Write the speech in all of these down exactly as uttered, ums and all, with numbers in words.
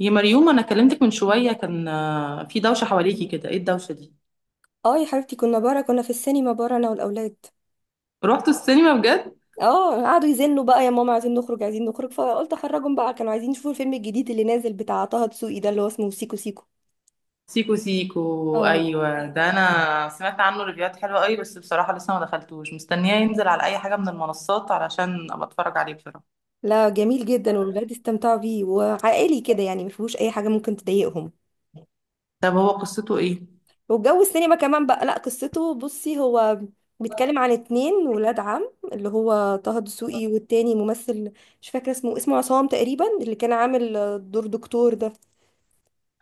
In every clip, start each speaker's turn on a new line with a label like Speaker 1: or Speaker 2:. Speaker 1: يا مريوم انا كلمتك من شويه كان آه، في دوشه حواليكي كده، ايه الدوشه دي؟
Speaker 2: اه، يا حبيبتي، كنا بره، كنا في السينما بره، انا والاولاد.
Speaker 1: رحتوا السينما بجد؟
Speaker 2: اه، قعدوا يزنوا بقى، يا ماما عايزين نخرج عايزين نخرج، فقلت اخرجهم بقى. كانوا عايزين يشوفوا الفيلم الجديد اللي نازل بتاع طه دسوقي، ده اللي هو اسمه سيكو سيكو.
Speaker 1: سيكو سيكو،
Speaker 2: اه.
Speaker 1: ايوه ده انا سمعت عنه ريفيوهات حلوه قوي، بس بصراحه لسه ما دخلتوش، مستنياه ينزل على اي حاجه من المنصات علشان ابقى اتفرج عليه بصراحه.
Speaker 2: لا، جميل جدا، والولاد استمتعوا بيه، وعائلي كده، يعني ما فيهوش اي حاجه ممكن تضايقهم.
Speaker 1: طب هو قصته ايه؟
Speaker 2: والجو السينما كمان بقى. لا، قصته، بصي، هو بيتكلم عن اتنين ولاد عم، اللي هو طه دسوقي والتاني ممثل مش فاكره اسمه اسمه عصام تقريبا، اللي كان عامل دور دكتور ده.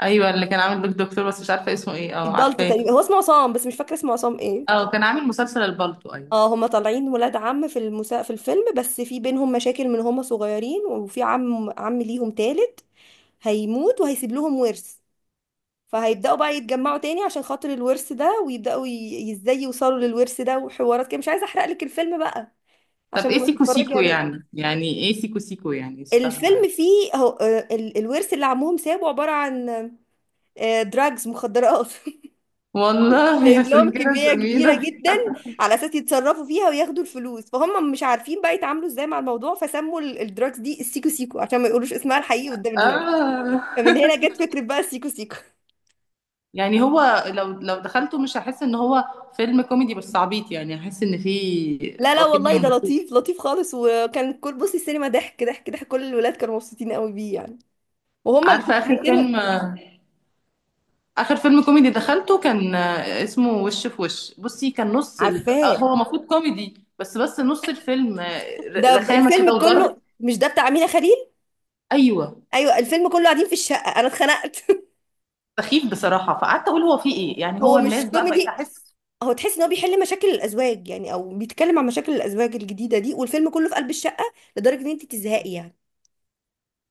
Speaker 1: ايوه اللي كان عامل بيك دكتور، بس مش عارفه اسمه ايه. اه
Speaker 2: الدالتو
Speaker 1: عارفاه.
Speaker 2: تقريبا، هو اسمه عصام بس مش فاكره اسمه عصام ايه.
Speaker 1: اه كان عامل مسلسل البالتو، ايوه.
Speaker 2: اه، هما طالعين ولاد عم في المسا... في الفيلم، بس في بينهم مشاكل من هما صغيرين، وفي عم عم ليهم تالت هيموت وهيسيب لهم ورث. فهيبدأوا بقى يتجمعوا تاني عشان خاطر الورث ده، ويبدأوا ي... ازاي يوصلوا للورث ده وحوارات كده. مش عايزة احرق لك الفيلم بقى
Speaker 1: طب
Speaker 2: عشان
Speaker 1: ايه
Speaker 2: لما
Speaker 1: سيكو
Speaker 2: تتفرجي
Speaker 1: سيكو
Speaker 2: عليه.
Speaker 1: يعني، يعني ايه سيكو سيكو يعني؟ مش فاهمه يعني.
Speaker 2: الفيلم فيه هو... آه، ال... الورث اللي عمهم سابه عبارة عن دراجز مخدرات،
Speaker 1: والله
Speaker 2: جايب
Speaker 1: عشان
Speaker 2: لهم
Speaker 1: كده
Speaker 2: كمية كبيرة
Speaker 1: سمينه.
Speaker 2: جدا على أساس يتصرفوا فيها وياخدوا الفلوس، فهم مش عارفين بقى يتعاملوا ازاي مع الموضوع، فسموا ال- الدراكس دي السيكو سيكو عشان ما يقولوش اسمها الحقيقي قدام الناس.
Speaker 1: اه.
Speaker 2: فمن هنا جت فكرة بقى السيكو سيكو.
Speaker 1: يعني هو لو لو دخلته، مش هحس ان هو فيلم كوميدي بس عبيط يعني، هحس ان فيه
Speaker 2: لا لا،
Speaker 1: واخدني
Speaker 2: والله ده
Speaker 1: ومبسوط.
Speaker 2: لطيف لطيف خالص، وكان كل، بصي، السينما ضحك ضحك ضحك، كل الولاد كانوا مبسوطين قوي بيه يعني. وهم
Speaker 1: عارفه اخر فيلم،
Speaker 2: الفيلمين.
Speaker 1: اخر فيلم كوميدي دخلته كان آه، اسمه وش في وش، بصي كان نص الف...
Speaker 2: عارفاه.
Speaker 1: آه، هو المفروض كوميدي، بس بس نص الفيلم آه، ر-
Speaker 2: ده ب-
Speaker 1: رخامه كده
Speaker 2: الفيلم
Speaker 1: وضرب.
Speaker 2: كله، مش ده بتاع أمينة خليل؟
Speaker 1: ايوه.
Speaker 2: ايوه، الفيلم كله قاعدين في الشقة، انا اتخنقت.
Speaker 1: سخيف بصراحه، فقعدت اقول هو فيه ايه يعني،
Speaker 2: هو
Speaker 1: هو
Speaker 2: مش
Speaker 1: الناس بقى بقيت
Speaker 2: كوميدي.
Speaker 1: احس.
Speaker 2: هو تحس ان هو بيحل مشاكل الازواج يعني، او بيتكلم عن مشاكل الازواج الجديده دي، والفيلم كله في قلب الشقه، لدرجه ان انت تزهقي يعني.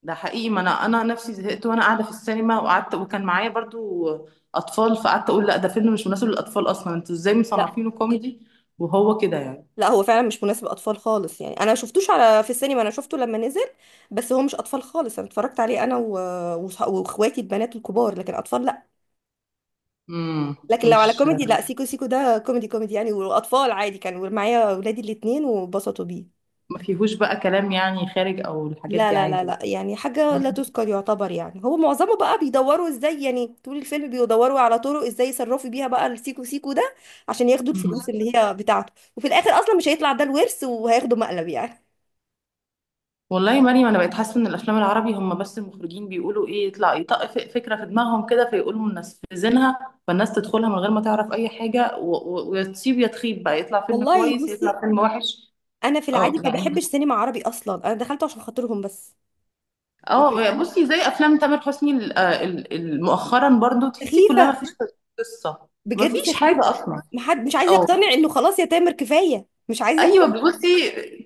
Speaker 1: ده حقيقي، ما انا انا نفسي زهقت وانا قاعده في السينما، وقعدت وكان معايا برضو اطفال، فقعدت اقول لا ده فيلم مش مناسب للاطفال اصلا، انتوا ازاي
Speaker 2: لا،
Speaker 1: مصنفينه كوميدي وهو كده يعني؟
Speaker 2: لا هو فعلا مش مناسب اطفال خالص يعني، انا شفتوش على في السينما، انا شفته لما نزل. بس هو مش اطفال خالص، انا اتفرجت عليه انا و... وصح- واخواتي البنات الكبار، لكن اطفال لا.
Speaker 1: امم،
Speaker 2: لكن لو على
Speaker 1: مش
Speaker 2: كوميدي، لا سيكو سيكو ده كوميدي كوميدي يعني، واطفال عادي، كانوا معايا ولادي الاتنين وبسطوا بيه.
Speaker 1: ما فيهوش بقى كلام يعني خارج او الحاجات
Speaker 2: لا
Speaker 1: دي،
Speaker 2: لا لا
Speaker 1: عادي.
Speaker 2: لا، يعني حاجة لا تذكر يعتبر يعني، هو معظمه بقى بيدوروا ازاي، يعني طول الفيلم بيدوروا على طرق ازاي يصرفوا بيها بقى السيكو سيكو ده، عشان ياخدوا
Speaker 1: مم.
Speaker 2: الفلوس اللي هي بتاعته، وفي الاخر اصلا مش هيطلع ده الورث وهياخدوا مقلب يعني.
Speaker 1: والله يا مريم انا بقيت حاسه ان الافلام العربي هم بس المخرجين بيقولوا ايه، يطلع يطق ف- فكره في دماغهم كده فيقولوا منفذينها، فالناس تدخلها من غير ما تعرف اي حاجه، و- و- ويا تصيب يا تخيب بقى، يطلع فيلم
Speaker 2: والله،
Speaker 1: كويس
Speaker 2: بصي،
Speaker 1: يطلع فيلم وحش.
Speaker 2: انا في
Speaker 1: اه
Speaker 2: العادي ما
Speaker 1: يعني.
Speaker 2: بحبش سينما عربي اصلا، انا دخلته عشان خاطرهم بس. لكن
Speaker 1: اه
Speaker 2: انا.
Speaker 1: بصي، زي افلام تامر حسني ال- ال- ال- مؤخرا برضو، تحسي كلها
Speaker 2: سخيفة.
Speaker 1: ما فيش قصه، ما
Speaker 2: بجد
Speaker 1: فيش حاجه
Speaker 2: سخيفة.
Speaker 1: اصلا.
Speaker 2: محد مش عايز
Speaker 1: اه.
Speaker 2: يقتنع انه خلاص يا تامر، كفاية، مش عايز
Speaker 1: ايوه
Speaker 2: يقتنع.
Speaker 1: بصي،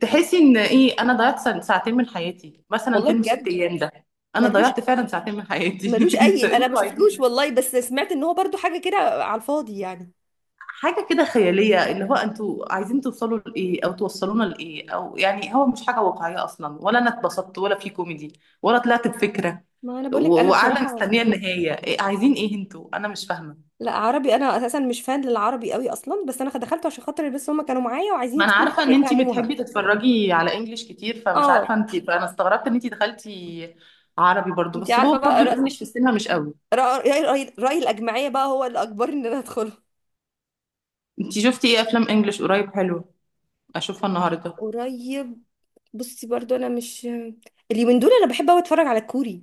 Speaker 1: تحسي ان ايه، انا ضيعت سن- ساعتين من حياتي، مثلا
Speaker 2: والله
Speaker 1: فيلم ست
Speaker 2: بجد.
Speaker 1: ايام ده انا
Speaker 2: ملوش
Speaker 1: ضيعت فعلا ساعتين من
Speaker 2: ملوش
Speaker 1: حياتي. انت
Speaker 2: اي، انا ما
Speaker 1: انتوا
Speaker 2: شفتلوش
Speaker 1: عايزين
Speaker 2: والله، بس سمعت ان هو برضو حاجة كده على الفاضي يعني.
Speaker 1: حاجه كده خياليه، اللي هو انتوا عايزين توصلوا لايه او توصلونا لايه، او يعني هو مش حاجه واقعيه اصلا، ولا انا اتبسطت ولا في كوميدي ولا طلعت بفكره،
Speaker 2: ما انا بقولك
Speaker 1: و-
Speaker 2: انا
Speaker 1: وقاعده
Speaker 2: بصراحه.
Speaker 1: مستنيه النهايه، إيه عايزين ايه انتوا؟ انا مش فاهمه.
Speaker 2: لا، عربي انا اساسا مش فان للعربي قوي اصلا، بس انا دخلته عشان خاطر، بس هم كانوا معايا وعايزين
Speaker 1: ما انا
Speaker 2: يدخلوا
Speaker 1: عارفه
Speaker 2: حاجه
Speaker 1: ان انتي
Speaker 2: يفهموها.
Speaker 1: بتحبي تتفرجي على انجليش كتير، فمش
Speaker 2: اه.
Speaker 1: عارفه انتي، فانا استغربت ان انتي دخلتي عربي برضو،
Speaker 2: انت
Speaker 1: بس هو
Speaker 2: عارفه بقى
Speaker 1: برضو
Speaker 2: رأي
Speaker 1: الانجليش في السينما مش قوي.
Speaker 2: رأي, رأي, رأي الاجمعيه بقى، هو اللي اجبرني ان انا ادخله.
Speaker 1: انتي شفتي ايه افلام انجليش قريب حلو اشوفها النهارده؟
Speaker 2: قريب، بصي برضو انا مش. اليومين دول انا بحب قوي اتفرج على الكوري.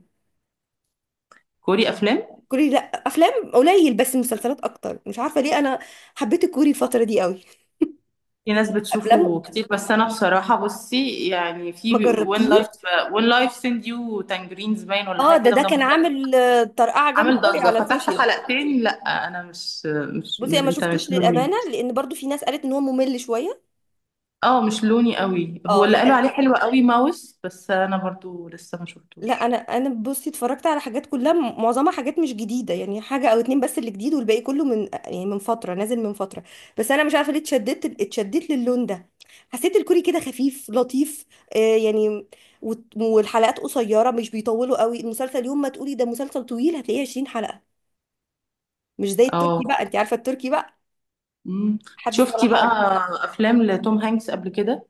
Speaker 1: كوري افلام؟
Speaker 2: كوري، لا افلام قليل، بس مسلسلات اكتر، مش عارفه ليه انا. حبيت الكوري الفتره دي قوي.
Speaker 1: في ناس
Speaker 2: افلام.
Speaker 1: بتشوفه كتير، بس انا بصراحه بصي يعني
Speaker 2: ما
Speaker 1: في وين لايف.
Speaker 2: جربتيش؟
Speaker 1: وين لايف، سند يو تانجرينز باين ولا
Speaker 2: اه.
Speaker 1: حاجه
Speaker 2: ده
Speaker 1: كده،
Speaker 2: ده
Speaker 1: وده
Speaker 2: كان
Speaker 1: مسلسل
Speaker 2: عامل آه، طرقعه جامده
Speaker 1: عامل
Speaker 2: قوي
Speaker 1: ضجه.
Speaker 2: على
Speaker 1: فتحت
Speaker 2: السوشيال.
Speaker 1: حلقتين، لا انا مش مش,
Speaker 2: بصي، انا
Speaker 1: مش
Speaker 2: ما
Speaker 1: انت
Speaker 2: شفتوش
Speaker 1: مش
Speaker 2: للامانه،
Speaker 1: لوني.
Speaker 2: لان برضو في ناس قالت ان هو ممل شويه.
Speaker 1: اه مش لوني قوي. هو
Speaker 2: اه.
Speaker 1: اللي قالوا
Speaker 2: لا.
Speaker 1: عليه حلو قوي ماوس، بس انا برضو لسه ما
Speaker 2: لا، انا
Speaker 1: شفتوش.
Speaker 2: انا بصي اتفرجت على حاجات كلها م- معظمها حاجات مش جديده، يعني حاجه او اتنين بس اللي جديد، والباقي كله من، يعني من فتره نازل، من فتره. بس انا مش عارفه ليه اتشددت اتشددت للون ده. حسيت الكوري كده خفيف لطيف. آه، يعني. وت- والحلقات قصيره، مش بيطولوا قوي المسلسل يوم ما تقولي ده مسلسل طويل هتلاقيه عشرين حلقه. مش زي
Speaker 1: اه.
Speaker 2: التركي بقى، انت عارفه التركي بقى.
Speaker 1: مم.
Speaker 2: حدث ولا
Speaker 1: شفتي بقى
Speaker 2: حرج.
Speaker 1: افلام لتوم هانكس قبل كده؟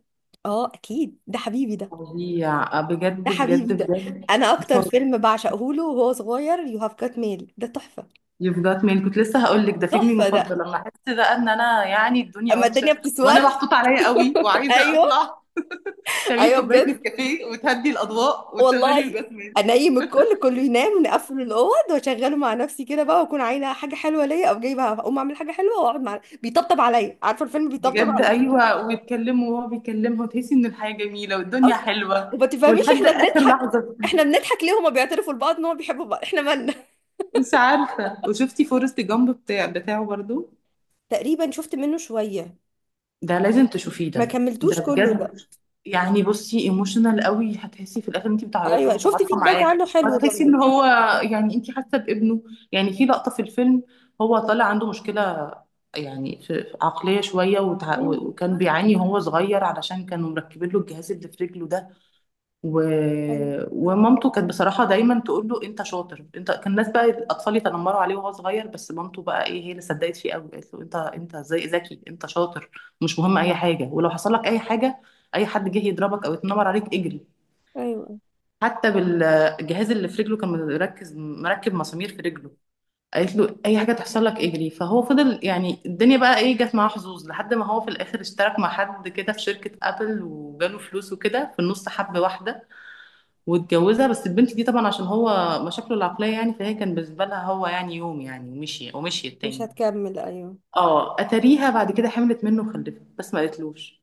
Speaker 2: اه، اكيد، ده حبيبي ده.
Speaker 1: فظيع
Speaker 2: ده
Speaker 1: بجد
Speaker 2: حبيبي
Speaker 1: بجد
Speaker 2: ده.
Speaker 1: بجد.
Speaker 2: انا اكتر فيلم بعشقه له وهو صغير يو هاف كات ميل، ده تحفه.
Speaker 1: يو جات ميل، كنت لسه هقول لك ده فيلمي
Speaker 2: تحفه ده.
Speaker 1: المفضل، لما احس بقى ان انا يعني الدنيا
Speaker 2: اما الدنيا
Speaker 1: وحشه وانا
Speaker 2: بتسود.
Speaker 1: محطوط عليا قوي وعايزه
Speaker 2: ايوه.
Speaker 1: اطلع، تعملي
Speaker 2: ايوه
Speaker 1: كوبايه
Speaker 2: بجد.
Speaker 1: نسكافيه وتهدي الاضواء وتشغلي يو
Speaker 2: والله.
Speaker 1: جات.
Speaker 2: انيم الكل، كله ينام، نقفل الاوض واشغله مع نفسي كده بقى، واكون عايزه حاجه حلوه ليا او جايبه، اقوم اعمل حاجه حلوه واقعد مع، بيطبطب عليا، عارفه الفيلم بيطبطب
Speaker 1: بجد
Speaker 2: عليا.
Speaker 1: ايوه، ويتكلموا وهو بيكلمها وتحسي ان الحياه جميله والدنيا
Speaker 2: أو-
Speaker 1: حلوه،
Speaker 2: وما تفهميش
Speaker 1: ولحد
Speaker 2: احنا
Speaker 1: اخر
Speaker 2: بنضحك.
Speaker 1: لحظه.
Speaker 2: احنا بنضحك ليه؟ هما بيعترفوا لبعض ان هما بيحبوا بعض، احنا مالنا؟
Speaker 1: مش عارفه. وشفتي فورست جامب بتاع بتاعه برضو؟
Speaker 2: تقريبا شفت منه شويه.
Speaker 1: ده لازم تشوفيه
Speaker 2: ما
Speaker 1: ده، ده
Speaker 2: كملتوش كله ده.
Speaker 1: بجد يعني، بصي ايموشنال قوي، هتحسي في الاخر انت بتعيطي
Speaker 2: ايوه، شفت
Speaker 1: ومتعاطفه
Speaker 2: فيدباك
Speaker 1: معاه،
Speaker 2: عنه حلو
Speaker 1: وهتحسي ان
Speaker 2: برضه.
Speaker 1: هو يعني انت حاسه بابنه. يعني في لقطه في الفيلم هو طالع عنده مشكله يعني، في في عقليه شويه، وتع...
Speaker 2: مم.
Speaker 1: وكان بيعاني وهو صغير علشان كانوا مركبين له الجهاز اللي في رجله ده، و...
Speaker 2: ايوه
Speaker 1: ومامته كانت بصراحة دايما تقول له انت شاطر انت، كان الناس بقى الاطفال يتنمروا عليه وهو صغير، بس مامته بقى ايه هي اللي صدقت فيه قوي، قالت له انت، انت زي ذكي، انت شاطر، مش مهم اي حاجة، ولو حصل لك اي حاجة، اي حد جه يضربك او يتنمر عليك اجري،
Speaker 2: ايوه أيوه.
Speaker 1: حتى بالجهاز اللي في رجله كان مركز مركب مسامير في رجله، قالت له اي حاجة تحصل لك اجري. فهو فضل يعني الدنيا بقى ايه، جت معاه حظوظ لحد ما هو في الاخر اشترك مع حد كده في شركة ابل وجاله فلوس، وكده في النص حب واحدة واتجوزها، بس البنت دي طبعا عشان هو مشاكله العقلية يعني، فهي كان بالنسبة لها هو يعني يوم يعني ومشي ومشي
Speaker 2: مش
Speaker 1: التاني.
Speaker 2: هتكمل، ايوه.
Speaker 1: اه اتاريها بعد كده حملت منه وخلفت، بس ما قالتلوش.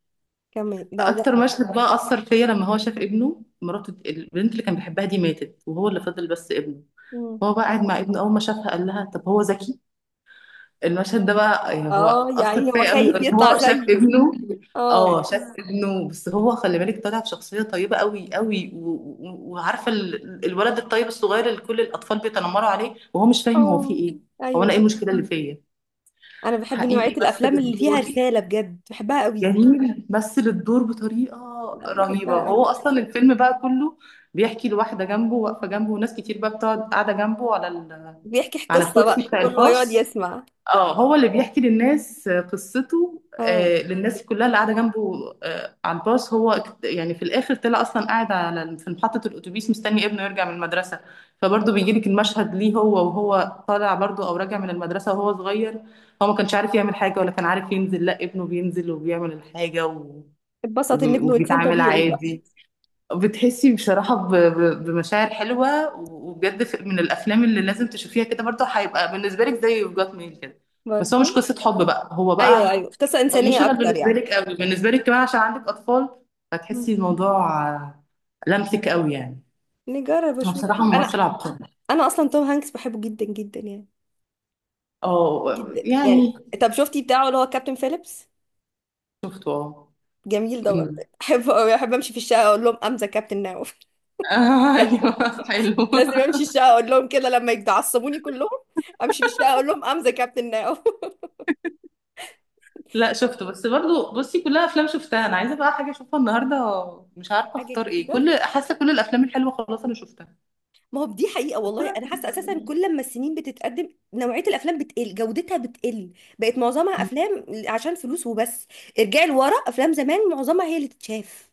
Speaker 2: كمل. لا، و...
Speaker 1: اكتر مشهد بقى اثر فيا لما هو شاف ابنه، مراته البنت اللي كان بيحبها دي ماتت، وهو اللي فضل بس ابنه،
Speaker 2: مم.
Speaker 1: هو بقى قاعد مع ابنه، اول ما شافها قال لها طب هو ذكي؟ المشهد ده بقى يعني هو
Speaker 2: اه، يا
Speaker 1: أثر
Speaker 2: عيني، هو
Speaker 1: فيا قوي،
Speaker 2: خايف
Speaker 1: إن
Speaker 2: يطلع
Speaker 1: هو شاف
Speaker 2: زيه.
Speaker 1: ابنه،
Speaker 2: اه.
Speaker 1: اه شاف ابنه. بس هو خلي بالك طالع بشخصية طيبة قوي قوي، و- و- وعارفة ال- الولد الطيب الصغير اللي كل الأطفال بيتنمروا عليه وهو مش فاهم هو فيه
Speaker 2: اه
Speaker 1: إيه، هو
Speaker 2: ايوه
Speaker 1: أنا إيه
Speaker 2: أيوه.
Speaker 1: المشكلة اللي فيا؟
Speaker 2: انا بحب نوعية
Speaker 1: حقيقي بس
Speaker 2: الافلام اللي فيها
Speaker 1: بالدور،
Speaker 2: رسالة، بجد بحبها قوي.
Speaker 1: جميل مثل الدور بطريقة
Speaker 2: لا،
Speaker 1: رهيبة.
Speaker 2: بحبها
Speaker 1: هو
Speaker 2: قوي.
Speaker 1: أصلا الفيلم بقى كله بيحكي لواحدة جنبه واقفة جنبه، وناس كتير بقى بتقعد قاعدة جنبه على ال...
Speaker 2: بيحكي
Speaker 1: على
Speaker 2: قصة
Speaker 1: الكرسي
Speaker 2: بقى،
Speaker 1: بتاع
Speaker 2: كله يقعد
Speaker 1: الباص،
Speaker 2: يسمع.
Speaker 1: اه هو اللي بيحكي للناس آه، قصته،
Speaker 2: اه،
Speaker 1: آه، للناس كلها اللي قاعده جنبه آه، على الباص. هو اكت- يعني في الاخر طلع اصلا قاعد على في محطه الاتوبيس مستني ابنه يرجع من المدرسه، فبرضه بيجي لك المشهد ليه هو وهو طالع برضه او راجع من المدرسه وهو صغير، هو ما كانش عارف يعمل حاجه ولا كان عارف ينزل، لا ابنه بينزل وبيعمل الحاجه و...
Speaker 2: اتبسط ان
Speaker 1: وب-
Speaker 2: ابنه انسان
Speaker 1: وبيتعامل
Speaker 2: طبيعي بقى.
Speaker 1: عادي. بتحسي بصراحة ب- ب- بمشاعر حلوة وبجد، ف- من الأفلام اللي لازم تشوفيها كده، برضه هيبقى بالنسبة لك زي يوف جات ميل كده، بس هو
Speaker 2: برضه.
Speaker 1: مش قصة حب بقى، هو
Speaker 2: ايوه
Speaker 1: بقى
Speaker 2: ايوه، قصة
Speaker 1: مش
Speaker 2: انسانية
Speaker 1: أنا
Speaker 2: اكتر
Speaker 1: بالنسبة
Speaker 2: يعني.
Speaker 1: لك قوي، بالنسبة لك كمان عشان عندك أطفال،
Speaker 2: مم.
Speaker 1: هتحسي الموضوع آه، لمسك قوي يعني.
Speaker 2: نجرب
Speaker 1: هو
Speaker 2: اشوف.
Speaker 1: بصراحة ممثل
Speaker 2: انا
Speaker 1: عبقري.
Speaker 2: انا اصلا توم هانكس بحبه جدا جدا يعني.
Speaker 1: اه
Speaker 2: جدا
Speaker 1: يعني.
Speaker 2: يعني. طب شفتي بتاعه اللي هو كابتن فيليبس؟
Speaker 1: شفته اه.
Speaker 2: جميل ده برضه.
Speaker 1: أمم.
Speaker 2: احب أوي، احب امشي في الشقه اقول لهم: امزه كابتن ناوف.
Speaker 1: ايوه. حلو.
Speaker 2: لازم امشي الشقه اقول لهم كده لما يتعصبوني كلهم، امشي في الشقه اقول لهم: امزه كابتن ناوف.
Speaker 1: لا شفته. بس برضو بصي كلها افلام شفتها، انا عايزه بقى حاجه اشوفها النهارده، مش عارفه
Speaker 2: حاجه
Speaker 1: اختار ايه،
Speaker 2: جديده.
Speaker 1: كل حاسه كل الافلام الحلوه خلاص انا شفتها.
Speaker 2: ما هو دي حقيقه
Speaker 1: وكل
Speaker 2: والله، انا حاسه اساسا
Speaker 1: الأفلام،
Speaker 2: كل ما السنين بتتقدم نوعيه الافلام بتقل، جودتها بتقل. بقت معظمها افلام عشان فلوس وبس. ارجعي لورا، افلام زمان معظمها هي اللي تتشاف.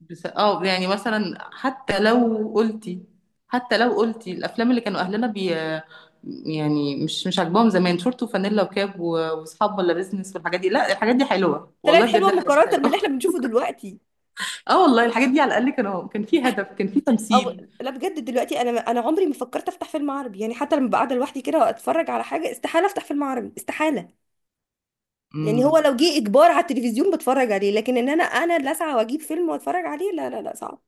Speaker 1: بس اه يعني مثلا حتى لو قلتي، حتى لو قلتي الافلام اللي كانوا اهلنا بي يعني مش مش عاجباهم زمان، شورت وفانيلا وكاب و- واصحاب ولا بيزنس والحاجات دي، لا الحاجات دي حلوه
Speaker 2: طلعت
Speaker 1: والله، بجد
Speaker 2: حلوه
Speaker 1: الحاجات دي
Speaker 2: مقارنه باللي احنا
Speaker 1: حلوه.
Speaker 2: بنشوفه دلوقتي.
Speaker 1: اه والله الحاجات دي على الاقل كانوا كان في هدف كان في
Speaker 2: او.
Speaker 1: تمثيل.
Speaker 2: لا، بجد دلوقتي، انا انا عمري ما فكرت افتح فيلم عربي، يعني حتى لما ببقى قاعده لوحدي كده واتفرج على حاجه استحاله افتح فيلم عربي، استحاله. يعني
Speaker 1: امم.
Speaker 2: هو لو جه اجبار على التلفزيون بتفرج عليه، لكن ان انا انا اللي اسعى واجيب فيلم واتفرج عليه، لا لا لا، صعب.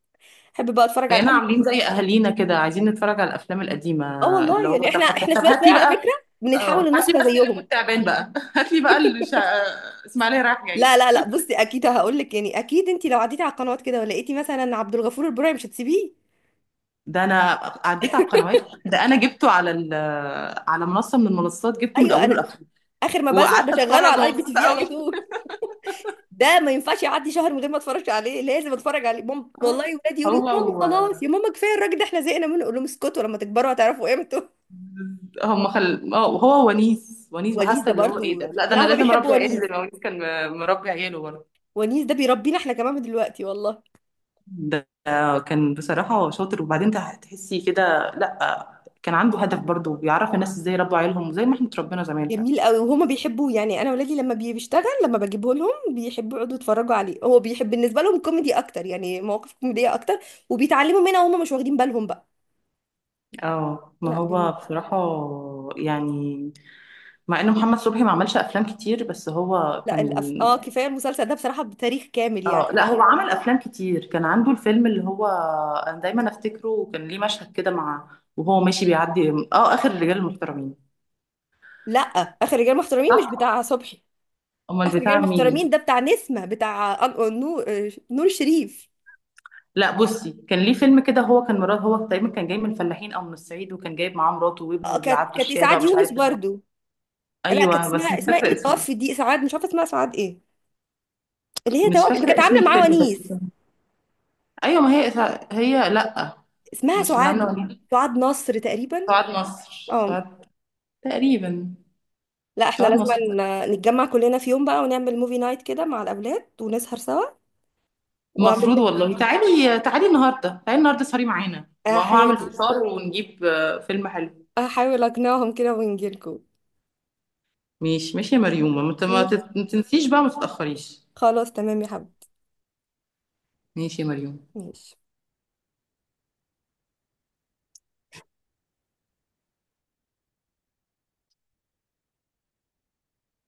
Speaker 2: احب بقى اتفرج على
Speaker 1: بقينا
Speaker 2: اي.
Speaker 1: عاملين زي اهالينا كده عايزين نتفرج على الافلام القديمه،
Speaker 2: اه
Speaker 1: اللي
Speaker 2: والله
Speaker 1: هو
Speaker 2: يعني،
Speaker 1: طب
Speaker 2: احنا
Speaker 1: هات،
Speaker 2: احنا
Speaker 1: طب
Speaker 2: شويه
Speaker 1: هات
Speaker 2: شويه
Speaker 1: لي
Speaker 2: على
Speaker 1: بقى،
Speaker 2: فكره، بنتحول
Speaker 1: اه هات لي
Speaker 2: لنسخه
Speaker 1: بقى السلم
Speaker 2: زيهم.
Speaker 1: والتعبان بقى، هات لي بقى الشا... اسماعيليه رايح
Speaker 2: لا
Speaker 1: جاي.
Speaker 2: لا لا، بصي اكيد هقول لك، يعني اكيد انت لو عديتي على القنوات كده ولقيتي مثلا عبد الغفور البرعي، مش هتسيبيه.
Speaker 1: ده انا عديت على القنوات، ده انا جبته على ال... على منصه من المنصات، جبته من
Speaker 2: ايوه.
Speaker 1: اوله
Speaker 2: انا
Speaker 1: لاخره
Speaker 2: اخر ما بزهق
Speaker 1: وقعدت
Speaker 2: بشغله على
Speaker 1: اتفرج
Speaker 2: الاي بي تي
Speaker 1: ومبسوطه
Speaker 2: في على
Speaker 1: قوي.
Speaker 2: طول. ده ما ينفعش يعدي شهر من غير ما اتفرج عليه، لازم اتفرج عليه ماما والله. ولادي يقولوا
Speaker 1: هو
Speaker 2: لي: ماما
Speaker 1: و...
Speaker 2: خلاص يا ماما، كفايه الراجل ده احنا زهقنا منه. اقول لهم: اسكتوا، لما تكبروا هتعرفوا قيمته.
Speaker 1: هم خل... هو ونيس، ونيس
Speaker 2: ونيس
Speaker 1: بحاسه
Speaker 2: ده
Speaker 1: اللي هو ايه ده،
Speaker 2: برضو،
Speaker 1: لا ده انا
Speaker 2: لا هما
Speaker 1: لازم اربي
Speaker 2: بيحبوا
Speaker 1: عيالي زي
Speaker 2: ونيس.
Speaker 1: ما ونيس كان مربي عياله.
Speaker 2: ونيس ده بيربينا احنا كمان من دلوقتي والله.
Speaker 1: ده كان بصراحة شاطر، وبعدين تح- تحسي كده، لأ كان عنده هدف برضه، بيعرف الناس ازاي يربوا عيالهم، وزي ما احنا اتربينا زمان فعلا.
Speaker 2: جميل قوي وهما بيحبوه يعني. انا ولادي لما بي- بيشتغل، لما بجيبه لهم بيحبوا يقعدوا يتفرجوا عليه، هو بيحب بالنسبه لهم كوميدي اكتر يعني، مواقف كوميديه اكتر، وبيتعلموا منها وهما مش واخدين بالهم بقى.
Speaker 1: اه ما
Speaker 2: لا،
Speaker 1: هو
Speaker 2: جميل.
Speaker 1: بصراحة يعني، مع ان محمد صبحي ما عملش افلام كتير، بس هو
Speaker 2: لا،
Speaker 1: كان،
Speaker 2: الأف... اه كفايه المسلسل ده بصراحه بتاريخ كامل
Speaker 1: اه
Speaker 2: يعني.
Speaker 1: لا هو عمل افلام كتير، كان عنده الفيلم اللي هو، انا دايما افتكره، وكان ليه مشهد كده مع، وهو ماشي بيعدي، اه اخر الرجال المحترمين.
Speaker 2: لا، اخر رجال محترمين مش
Speaker 1: صح.
Speaker 2: بتاع صبحي.
Speaker 1: امال
Speaker 2: اخر رجال
Speaker 1: بتاع مين؟
Speaker 2: محترمين ده بتاع نسمة، بتاع أن- نور. نور شريف.
Speaker 1: لا بصي كان ليه فيلم كده، هو كان مراد، هو تقريبا كان جاي من الفلاحين او من الصعيد، وكان جايب معاه مراته وابنه
Speaker 2: آه، كانت
Speaker 1: وبيعدوا
Speaker 2: كانت
Speaker 1: الشارع،
Speaker 2: اسعاد
Speaker 1: ومش عارف
Speaker 2: يونس
Speaker 1: إيه.
Speaker 2: برضو. لا كانت
Speaker 1: ايوه بس
Speaker 2: اسمها
Speaker 1: مش
Speaker 2: اسمها ايه
Speaker 1: فاكره
Speaker 2: اللي
Speaker 1: اسمه إيه.
Speaker 2: توفت دي، سعاد، مش عارفه اسمها سعاد ايه. اللي هي
Speaker 1: مش
Speaker 2: توفت، اللي
Speaker 1: فاكره
Speaker 2: كانت
Speaker 1: اسم
Speaker 2: عامله معاه
Speaker 1: الفيلم
Speaker 2: ونيس.
Speaker 1: بس. ايوه ما هي، هي لا،
Speaker 2: اسمها
Speaker 1: مش اللي عامله
Speaker 2: سعاد.
Speaker 1: وليد.
Speaker 2: سعاد نصر تقريبا.
Speaker 1: سعاد نصر،
Speaker 2: اه.
Speaker 1: سعاد تقريبا،
Speaker 2: لا، احنا
Speaker 1: سعاد
Speaker 2: لازم
Speaker 1: نصر.
Speaker 2: ن- نتجمع كلنا في يوم بقى ونعمل موفي نايت كده مع الاولاد ونسهر سوا. واعمل
Speaker 1: المفروض
Speaker 2: لك.
Speaker 1: والله، تعالي تعالي النهارده، تعالي النهارده سهري معانا، ما هو عامل
Speaker 2: هحاول.
Speaker 1: فطار ونجيب آه، فيلم حلو.
Speaker 2: هحاول اقنعهم كده ونجيلكم.
Speaker 1: ماشي ماشي يا مريومه، ما ت- ما
Speaker 2: ماشي.
Speaker 1: تت- ما تنسيش بقى ما تتاخريش.
Speaker 2: خلاص، تمام يا حبيبي.
Speaker 1: ماشي يا مريومه.
Speaker 2: ماشي.